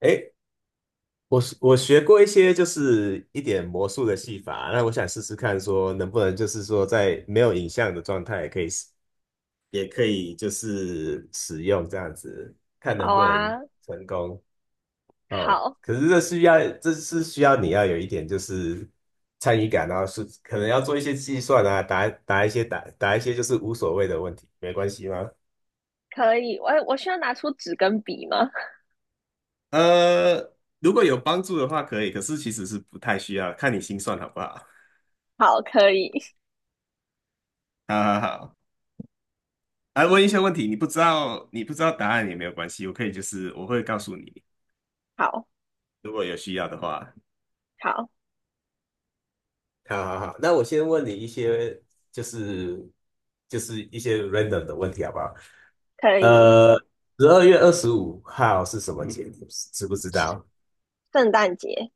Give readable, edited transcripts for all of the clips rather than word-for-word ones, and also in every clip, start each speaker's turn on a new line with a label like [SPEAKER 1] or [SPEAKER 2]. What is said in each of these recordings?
[SPEAKER 1] 诶，我学过一些就是一点魔术的戏法，那我想试试看，说能不能就是说在没有影像的状态也可以就是使用这样子，看能
[SPEAKER 2] 好
[SPEAKER 1] 不能
[SPEAKER 2] 啊，
[SPEAKER 1] 成功哦。
[SPEAKER 2] 好，
[SPEAKER 1] 可是这是需要你要有一点就是参与感，然后是可能要做一些计算啊，答一些就是无所谓的问题，没关系吗？
[SPEAKER 2] 可以。我需要拿出纸跟笔吗？
[SPEAKER 1] 呃，如果有帮助的话可以，可是其实是不太需要，看你心算好不好。
[SPEAKER 2] 好，可以。
[SPEAKER 1] 好好好。来问一些问题，你不知道答案也没有关系，我可以就是我会告诉你，
[SPEAKER 2] 好，
[SPEAKER 1] 如果有需要的话。
[SPEAKER 2] 好，
[SPEAKER 1] 好好好，那我先问你一些，就是就是一些 random 的问题，好不好？
[SPEAKER 2] 可以。
[SPEAKER 1] 呃，12月25日是什么节？你知不知道
[SPEAKER 2] 圣诞节，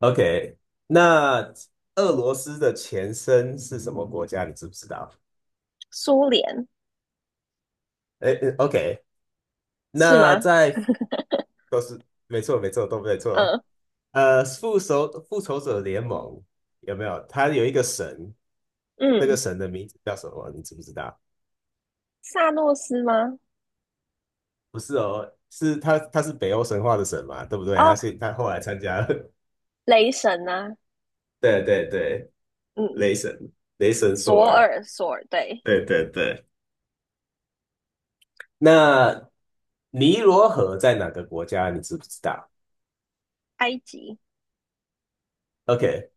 [SPEAKER 1] ？OK。那俄罗斯的前身是什么国家？你知不知道？
[SPEAKER 2] 苏联
[SPEAKER 1] 哎，OK。
[SPEAKER 2] 是
[SPEAKER 1] 那
[SPEAKER 2] 吗？
[SPEAKER 1] 在都是没错，没错，都没错。
[SPEAKER 2] 嗯
[SPEAKER 1] 复仇者联盟有没有？他有一个神，那个
[SPEAKER 2] 嗯，
[SPEAKER 1] 神的名字叫什么？你知不知道？
[SPEAKER 2] 萨诺斯吗？
[SPEAKER 1] 不是哦，他是北欧神话的神嘛，对不对？他
[SPEAKER 2] 哦，
[SPEAKER 1] 是他后来参加了，
[SPEAKER 2] 雷神啊，
[SPEAKER 1] 对对对，
[SPEAKER 2] 嗯，
[SPEAKER 1] 雷神，雷神索
[SPEAKER 2] 索
[SPEAKER 1] 尔，
[SPEAKER 2] 尔，索尔，对，
[SPEAKER 1] 对对对。那尼罗河在哪个国家？你知不知道
[SPEAKER 2] 埃及，
[SPEAKER 1] ？OK。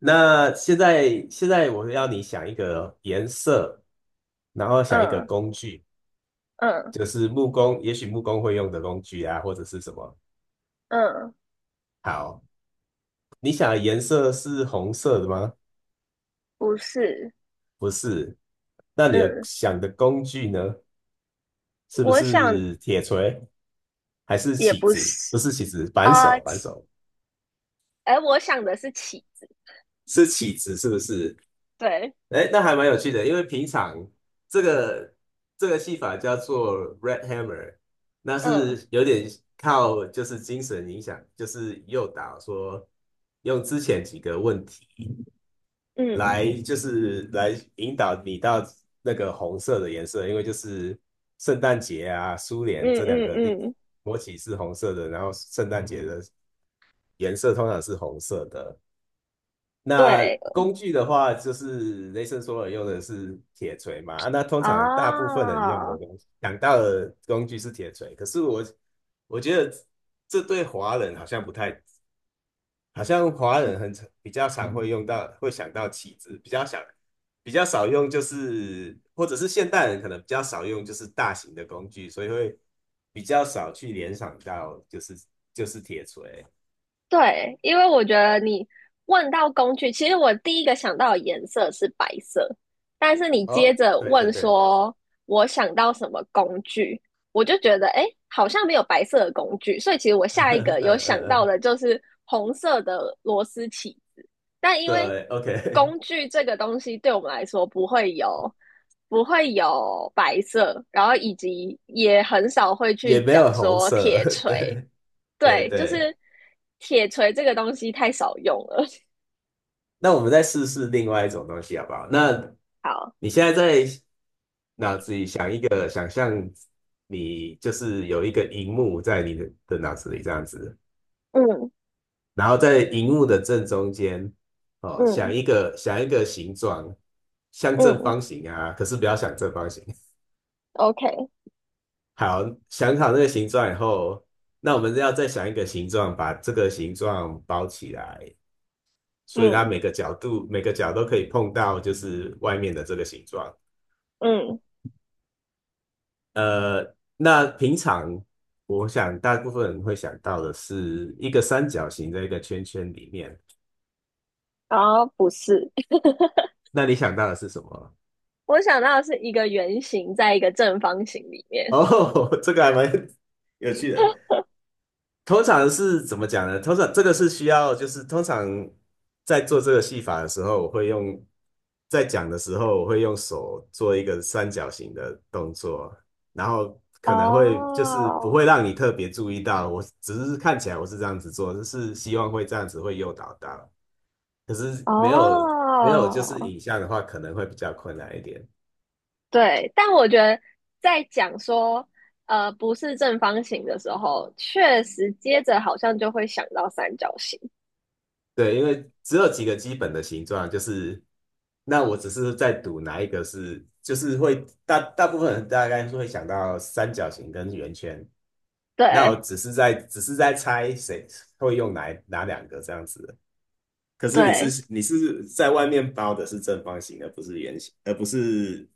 [SPEAKER 1] 那现在我要你想一个颜色，然后想一个
[SPEAKER 2] 嗯
[SPEAKER 1] 工具，
[SPEAKER 2] 嗯
[SPEAKER 1] 就是木工，也许木工会用的工具啊，或者是什么。
[SPEAKER 2] 嗯，
[SPEAKER 1] 好，你想的颜色是红色的吗？
[SPEAKER 2] 不是，
[SPEAKER 1] 不是。那你的
[SPEAKER 2] 嗯，
[SPEAKER 1] 想的工具呢？是不
[SPEAKER 2] 我想
[SPEAKER 1] 是铁锤还是
[SPEAKER 2] 也
[SPEAKER 1] 起
[SPEAKER 2] 不
[SPEAKER 1] 子？
[SPEAKER 2] 是，
[SPEAKER 1] 不是起子，扳
[SPEAKER 2] 啊、
[SPEAKER 1] 手，扳
[SPEAKER 2] 起
[SPEAKER 1] 手
[SPEAKER 2] 哎，我想的是起子，
[SPEAKER 1] 是起子，是不是？
[SPEAKER 2] 对，
[SPEAKER 1] 哎，那还蛮有趣的，因为平常这个这个戏法叫做 Red Hammer，那
[SPEAKER 2] 嗯
[SPEAKER 1] 是有点靠就是精神影响，就是诱导说用之前几个问题。
[SPEAKER 2] 嗯
[SPEAKER 1] 来就是来引导你到那个红色的颜色，因为就是圣诞节啊、苏联
[SPEAKER 2] 嗯
[SPEAKER 1] 这两个
[SPEAKER 2] 嗯嗯，
[SPEAKER 1] 国旗是红色的，然后圣诞节的颜色通常是红色的。那
[SPEAKER 2] 对。
[SPEAKER 1] 工具的话，就是雷神索尔用的是铁锤嘛，啊那通常大部分人用的
[SPEAKER 2] 啊，
[SPEAKER 1] 东西，想到的工具是铁锤，可是我觉得这对华人好像不太好像华人很常比较常会用到，会想到棋子，比较少用，就是或者是现代人可能比较少用，就是大型的工具，所以会比较少去联想到就是铁锤。
[SPEAKER 2] 对，因为我觉得你问到工具，其实我第一个想到的颜色是白色，但是你接
[SPEAKER 1] 哦，
[SPEAKER 2] 着
[SPEAKER 1] 对对
[SPEAKER 2] 问
[SPEAKER 1] 对，
[SPEAKER 2] 说我想到什么工具，我就觉得诶，好像没有白色的工具，所以其实我
[SPEAKER 1] 嗯
[SPEAKER 2] 下一
[SPEAKER 1] 嗯
[SPEAKER 2] 个有想
[SPEAKER 1] 嗯，
[SPEAKER 2] 到
[SPEAKER 1] 嗯
[SPEAKER 2] 的就是红色的螺丝起子，但因为
[SPEAKER 1] 对，OK，
[SPEAKER 2] 工具这个东西对我们来说不会有。不会有白色，然后以及也很少会 去
[SPEAKER 1] 也没
[SPEAKER 2] 讲
[SPEAKER 1] 有红
[SPEAKER 2] 说
[SPEAKER 1] 色，
[SPEAKER 2] 铁 锤，
[SPEAKER 1] 对对
[SPEAKER 2] 对，就
[SPEAKER 1] 对。
[SPEAKER 2] 是铁锤这个东西太少用了。
[SPEAKER 1] 那我们再试试另外一种东西好不好？那
[SPEAKER 2] 好，
[SPEAKER 1] 你现在在脑子里想一个，想象你就是有一个荧幕在你的脑子里这样子，
[SPEAKER 2] 嗯
[SPEAKER 1] 然后在荧幕的正中间，哦，想
[SPEAKER 2] 嗯
[SPEAKER 1] 一个想一个形状，像正
[SPEAKER 2] 嗯
[SPEAKER 1] 方形啊，可是不要想正方形。
[SPEAKER 2] ，OK，
[SPEAKER 1] 好，想好那个形状以后，那我们要再想一个形状，把这个形状包起来，所以它
[SPEAKER 2] 嗯
[SPEAKER 1] 每个角都可以碰到，就是外面的这个形状。
[SPEAKER 2] 嗯，
[SPEAKER 1] 呃，那平常我想大部分人会想到的是一个三角形在一个圈圈里面，
[SPEAKER 2] 然后不是，
[SPEAKER 1] 那你想到的是什么？
[SPEAKER 2] 我想到的是一个圆形在一个正方形里面。
[SPEAKER 1] 哦，这个还蛮有趣的。通常是怎么讲呢？通常这个是需要，就是通常在做这个戏法的时候，我会用在讲的时候，我会用手做一个三角形的动作，然后可能会就是不
[SPEAKER 2] 哦
[SPEAKER 1] 会让你特别注意到，我只是看起来我是这样子做，就是希望会这样子会诱导到，可是没有就是
[SPEAKER 2] 哦，
[SPEAKER 1] 影像的话，可能会比较困难一点。
[SPEAKER 2] 对，但我觉得在讲说不是正方形的时候，确实接着好像就会想到三角形。
[SPEAKER 1] 对，因为只有几个基本的形状，就是那我只是在赌哪一个是，就是会大部分人大概是会想到三角形跟圆圈，那我
[SPEAKER 2] 对
[SPEAKER 1] 只是在只是在猜谁会用哪两个这样子。可是你
[SPEAKER 2] 对，
[SPEAKER 1] 是你是在外面包的是正方形，而不是圆形，而不是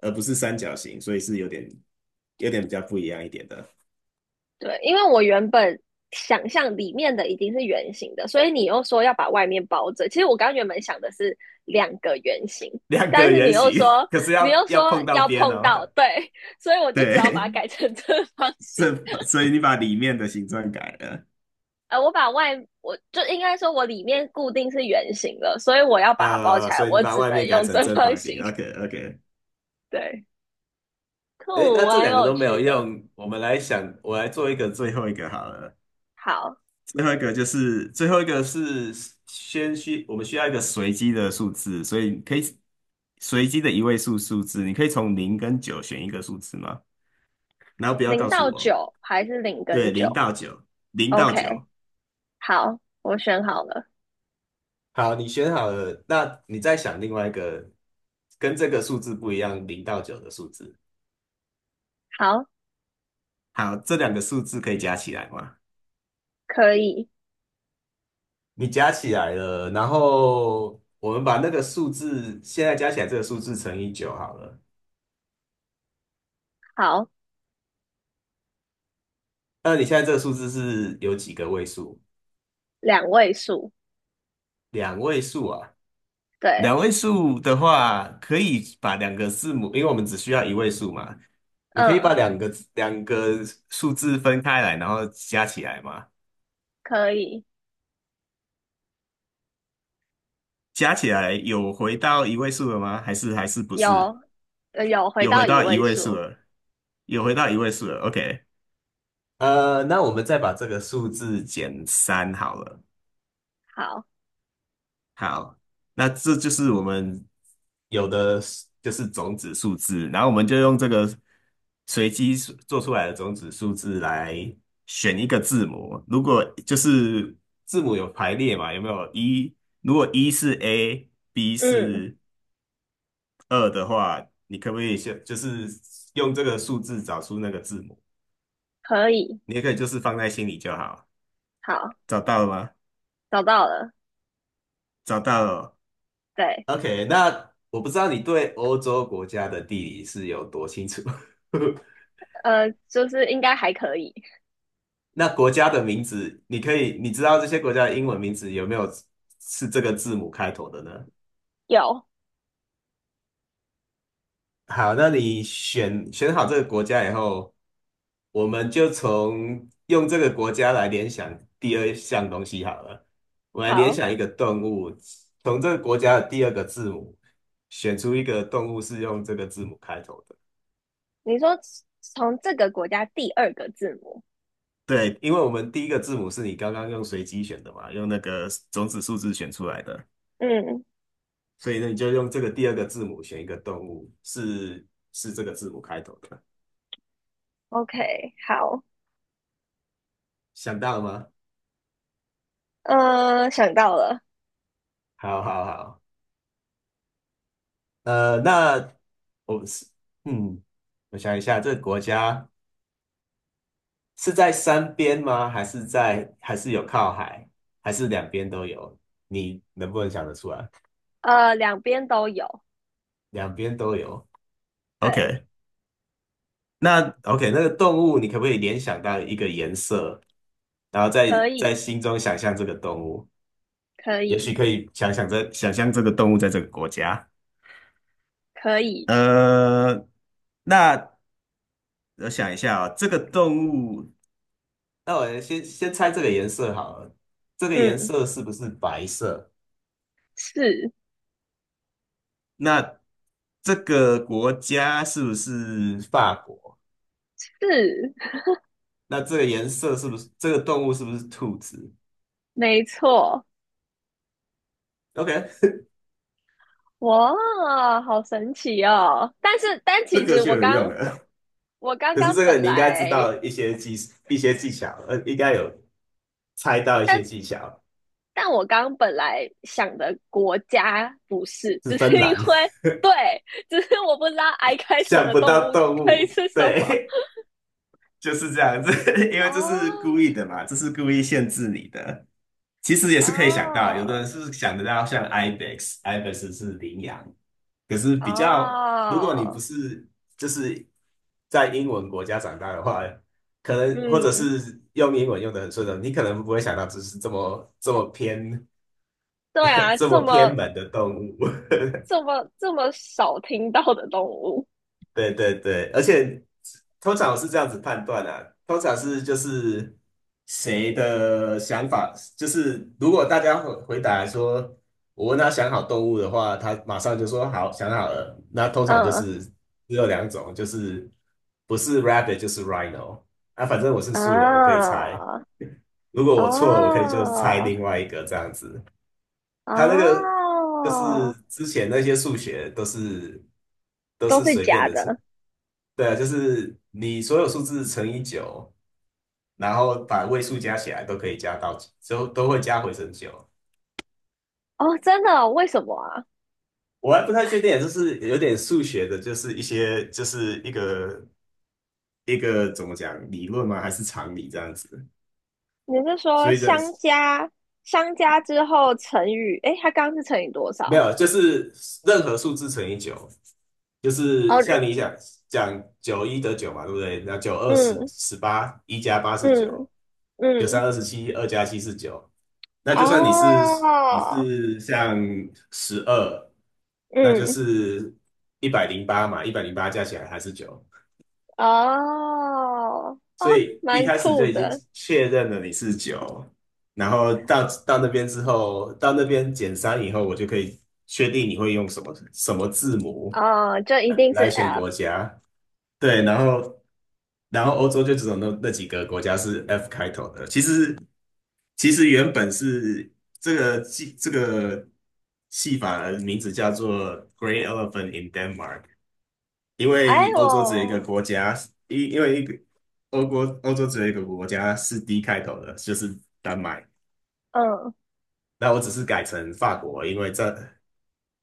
[SPEAKER 1] 而不是三角形，所以是有点比较不一样一点的。
[SPEAKER 2] 对，因为我原本想象里面的已经是圆形的，所以你又说要把外面包着。其实我刚原本想的是两个圆形，
[SPEAKER 1] 两
[SPEAKER 2] 但
[SPEAKER 1] 个
[SPEAKER 2] 是你
[SPEAKER 1] 圆
[SPEAKER 2] 又
[SPEAKER 1] 形，
[SPEAKER 2] 说
[SPEAKER 1] 可是
[SPEAKER 2] 你
[SPEAKER 1] 要
[SPEAKER 2] 又
[SPEAKER 1] 要
[SPEAKER 2] 说
[SPEAKER 1] 碰到
[SPEAKER 2] 要
[SPEAKER 1] 边
[SPEAKER 2] 碰到，
[SPEAKER 1] 哦。
[SPEAKER 2] 对，所以我 就只好把它
[SPEAKER 1] 对，
[SPEAKER 2] 改成正方形。
[SPEAKER 1] 所以你把里面的形状改了，
[SPEAKER 2] 我把外我就应该说我里面固定是圆形的，所以我要把它包起来，
[SPEAKER 1] 所以你
[SPEAKER 2] 我
[SPEAKER 1] 把
[SPEAKER 2] 只
[SPEAKER 1] 外
[SPEAKER 2] 能
[SPEAKER 1] 面改
[SPEAKER 2] 用
[SPEAKER 1] 成
[SPEAKER 2] 正
[SPEAKER 1] 正
[SPEAKER 2] 方
[SPEAKER 1] 方
[SPEAKER 2] 形。
[SPEAKER 1] 形。OK OK。
[SPEAKER 2] 对，
[SPEAKER 1] 诶，
[SPEAKER 2] 酷，
[SPEAKER 1] 那这
[SPEAKER 2] 蛮
[SPEAKER 1] 两个
[SPEAKER 2] 有
[SPEAKER 1] 都没
[SPEAKER 2] 趣
[SPEAKER 1] 有
[SPEAKER 2] 的。
[SPEAKER 1] 用，我来做一个最后一个好了，
[SPEAKER 2] 好，
[SPEAKER 1] 最后一个是我们需要一个随机的数字，所以你可以随机的一位数数字，你可以从零跟九选一个数字吗？然后不要
[SPEAKER 2] 零
[SPEAKER 1] 告诉
[SPEAKER 2] 到
[SPEAKER 1] 我，
[SPEAKER 2] 九还是零跟
[SPEAKER 1] 对，零
[SPEAKER 2] 九
[SPEAKER 1] 到九，零到
[SPEAKER 2] ？OK，
[SPEAKER 1] 九，
[SPEAKER 2] 好，我选好了。
[SPEAKER 1] 好，你选好了，那你再想另外一个跟这个数字不一样，零到九的数字。
[SPEAKER 2] 好，
[SPEAKER 1] 好，这两个数字可以加起来吗？
[SPEAKER 2] 可以，
[SPEAKER 1] 你加起来了，然后我们把那个数字现在加起来这个数字乘以九好了。
[SPEAKER 2] 好，
[SPEAKER 1] 那你现在这个数字是有几个位数？
[SPEAKER 2] 两位数，
[SPEAKER 1] 两位数啊。
[SPEAKER 2] 对，
[SPEAKER 1] 两位数的话，可以把两个字母，因为我们只需要一位数嘛，你可以把
[SPEAKER 2] 嗯，
[SPEAKER 1] 两个数字分开来，然后加起来嘛。
[SPEAKER 2] 可以，
[SPEAKER 1] 加起来有回到一位数了吗？还是不
[SPEAKER 2] 有，
[SPEAKER 1] 是？
[SPEAKER 2] 有回
[SPEAKER 1] 有回
[SPEAKER 2] 到一
[SPEAKER 1] 到一
[SPEAKER 2] 位
[SPEAKER 1] 位数
[SPEAKER 2] 数，
[SPEAKER 1] 了，有回到一位数了。OK。那我们再把这个数字减三好了。
[SPEAKER 2] 好，
[SPEAKER 1] 好，那这就是我们有的是种子数字，然后我们就用这个随机数做出来的种子数字来选一个字母。如果就是字母有排列嘛，有没有一？如果一是 A，B
[SPEAKER 2] 嗯，
[SPEAKER 1] 是二的话，你可不可以先就是用这个数字找出那个字母？
[SPEAKER 2] 可以，
[SPEAKER 1] 你也可以就是放在心里就好。
[SPEAKER 2] 好，
[SPEAKER 1] 找到了吗？
[SPEAKER 2] 找到了，
[SPEAKER 1] 找到了。
[SPEAKER 2] 对，
[SPEAKER 1] OK。那我不知道你对欧洲国家的地理是有多清楚。
[SPEAKER 2] 就是应该还可以，
[SPEAKER 1] 那国家的名字，你可以，你知道这些国家的英文名字有没有是这个字母开头的呢？
[SPEAKER 2] 有，
[SPEAKER 1] 好，那你选好这个国家以后，我们就用这个国家来联想第二项东西好了。我们来联
[SPEAKER 2] 好，
[SPEAKER 1] 想一个动物，从这个国家的第二个字母选出一个动物是用这个字母开头的。
[SPEAKER 2] 你说从这个国家第二个字母，
[SPEAKER 1] 对，因为我们第一个字母是你刚刚用随机选的嘛，用那个种子数字选出来的，
[SPEAKER 2] 嗯
[SPEAKER 1] 所以呢，你就用这个第二个字母选一个动物，是这个字母开头的，
[SPEAKER 2] ，OK，好，
[SPEAKER 1] 想到了吗？
[SPEAKER 2] 想到了，
[SPEAKER 1] 好好好。那我们是，嗯，我想一下，这个国家是在山边吗？还是有靠海，还是两边都有？你能不能想得出来？
[SPEAKER 2] 两边都有，
[SPEAKER 1] 两边都有。o
[SPEAKER 2] 对，
[SPEAKER 1] k OK。那个动物你可不可以联想到一个颜色，然后
[SPEAKER 2] 可
[SPEAKER 1] 在
[SPEAKER 2] 以，
[SPEAKER 1] 心中想象这个动物？
[SPEAKER 2] 可
[SPEAKER 1] 也
[SPEAKER 2] 以，
[SPEAKER 1] 许可以想象这个动物在这个国家。
[SPEAKER 2] 可以，
[SPEAKER 1] 呃，那我想一下啊、哦这个动物，那我先猜这个颜色好了。这个颜
[SPEAKER 2] 嗯，
[SPEAKER 1] 色是不是白色？
[SPEAKER 2] 是
[SPEAKER 1] 那这个国家是不是法国？
[SPEAKER 2] 是，
[SPEAKER 1] 那这个颜色是不是这个动物是不是兔子
[SPEAKER 2] 没错。
[SPEAKER 1] ？OK，
[SPEAKER 2] 哇，好神奇哦！但是，但
[SPEAKER 1] 这
[SPEAKER 2] 其
[SPEAKER 1] 个
[SPEAKER 2] 实
[SPEAKER 1] 就
[SPEAKER 2] 我
[SPEAKER 1] 有用
[SPEAKER 2] 刚
[SPEAKER 1] 了。
[SPEAKER 2] 我刚
[SPEAKER 1] 可是
[SPEAKER 2] 刚
[SPEAKER 1] 这个
[SPEAKER 2] 本
[SPEAKER 1] 你应该知
[SPEAKER 2] 来，
[SPEAKER 1] 道一些技巧，应该有猜到一
[SPEAKER 2] 但
[SPEAKER 1] 些技
[SPEAKER 2] 是
[SPEAKER 1] 巧，
[SPEAKER 2] 但我刚本来想的国家不是，
[SPEAKER 1] 是
[SPEAKER 2] 只是
[SPEAKER 1] 芬
[SPEAKER 2] 因
[SPEAKER 1] 兰，
[SPEAKER 2] 为对，只是我不知道 I 开头
[SPEAKER 1] 想
[SPEAKER 2] 的
[SPEAKER 1] 不
[SPEAKER 2] 动
[SPEAKER 1] 到
[SPEAKER 2] 物
[SPEAKER 1] 动
[SPEAKER 2] 可以
[SPEAKER 1] 物，
[SPEAKER 2] 是什么。
[SPEAKER 1] 对。就是这样子，因为这是故
[SPEAKER 2] 哦
[SPEAKER 1] 意的嘛，这是故意限制你的。其实也是可以想到，有的
[SPEAKER 2] 哦
[SPEAKER 1] 人是想得到像 ibex，ibex 是羚羊，可是比较，如果你不
[SPEAKER 2] 哦，
[SPEAKER 1] 是就是在英文国家长大的话，可能或者
[SPEAKER 2] 嗯，
[SPEAKER 1] 是用英文用的很顺的，你可能不会想到这是这么这么偏
[SPEAKER 2] 对 啊，
[SPEAKER 1] 这么偏门的动物。
[SPEAKER 2] 这么少听到的动物，
[SPEAKER 1] 对对对，而且通常我是这样子判断啊，通常是就是谁的想法，就是如果大家回答说，我问他想好动物的话，他马上就说好，想好了。那通常就
[SPEAKER 2] 嗯
[SPEAKER 1] 是只有两种，就是不是 rabbit 就是 rhino。那反正我是素人，我可以
[SPEAKER 2] 啊
[SPEAKER 1] 猜。如果我错了，我可以就猜另
[SPEAKER 2] 啊
[SPEAKER 1] 外一个这样子。
[SPEAKER 2] 啊。
[SPEAKER 1] 他那个就是之前那些数学都是都
[SPEAKER 2] 都
[SPEAKER 1] 是
[SPEAKER 2] 是
[SPEAKER 1] 随便
[SPEAKER 2] 假
[SPEAKER 1] 的，
[SPEAKER 2] 的
[SPEAKER 1] 对啊，就是你所有数字乘以九，然后把位数加起来都可以加到，之后都会加回成九。
[SPEAKER 2] 哦，真的哦？为什么啊？
[SPEAKER 1] 我还不太确定，就是有点数学的，就是一些就是一个怎么讲理论吗？还是常理这样子？
[SPEAKER 2] 你是说
[SPEAKER 1] 所以这
[SPEAKER 2] 相加之后乘以，诶，它刚刚是乘以多
[SPEAKER 1] 没
[SPEAKER 2] 少？
[SPEAKER 1] 有，就是任何数字乘以九，就是
[SPEAKER 2] 哦，人
[SPEAKER 1] 像你想讲九一得九嘛，对不对？那九二
[SPEAKER 2] 嗯
[SPEAKER 1] 十八，一加八是
[SPEAKER 2] 嗯
[SPEAKER 1] 九，九三
[SPEAKER 2] 嗯，
[SPEAKER 1] 二十七，二加七是九。那就算你是你
[SPEAKER 2] 哦，
[SPEAKER 1] 是像十二，那就
[SPEAKER 2] 嗯
[SPEAKER 1] 是一百零八嘛，一百零八加起来还是九。
[SPEAKER 2] 哦哦，
[SPEAKER 1] 所以一
[SPEAKER 2] 蛮
[SPEAKER 1] 开始就
[SPEAKER 2] 酷
[SPEAKER 1] 已经
[SPEAKER 2] 的
[SPEAKER 1] 确认了你是九，然后到那边之后，到那边减三以后，我就可以确定你会用什么什么字母
[SPEAKER 2] 哦，就一定是
[SPEAKER 1] 来选
[SPEAKER 2] F。
[SPEAKER 1] 国家。对，然后欧洲就只有那几个国家是 F 开头的。其实原本是这个戏法的名字叫做《g r e e n Elephant in Denmark》，因
[SPEAKER 2] 哎
[SPEAKER 1] 为欧洲只有一个
[SPEAKER 2] 我，
[SPEAKER 1] 国家，因为一个欧国欧洲只有一个国家是 D 开头的，就是丹麦。
[SPEAKER 2] 嗯
[SPEAKER 1] 那我只是改成法国，因为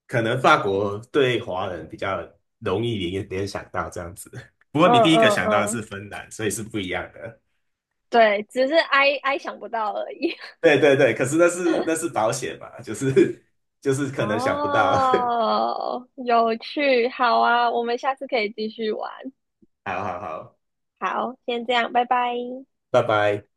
[SPEAKER 1] 可能法国对华人比较容易联想到这样子。不过你
[SPEAKER 2] 嗯
[SPEAKER 1] 第一个
[SPEAKER 2] 嗯
[SPEAKER 1] 想到的
[SPEAKER 2] 嗯，
[SPEAKER 1] 是芬兰，所以是不一样的。
[SPEAKER 2] 对，只是 I 想不到而已。
[SPEAKER 1] 对对对，可是那是保险嘛，就是 就是 可能想不到。
[SPEAKER 2] 哦，有趣，好啊，我们下次可以继续玩。
[SPEAKER 1] 好好好，
[SPEAKER 2] 好，先这样，拜拜。
[SPEAKER 1] 拜拜。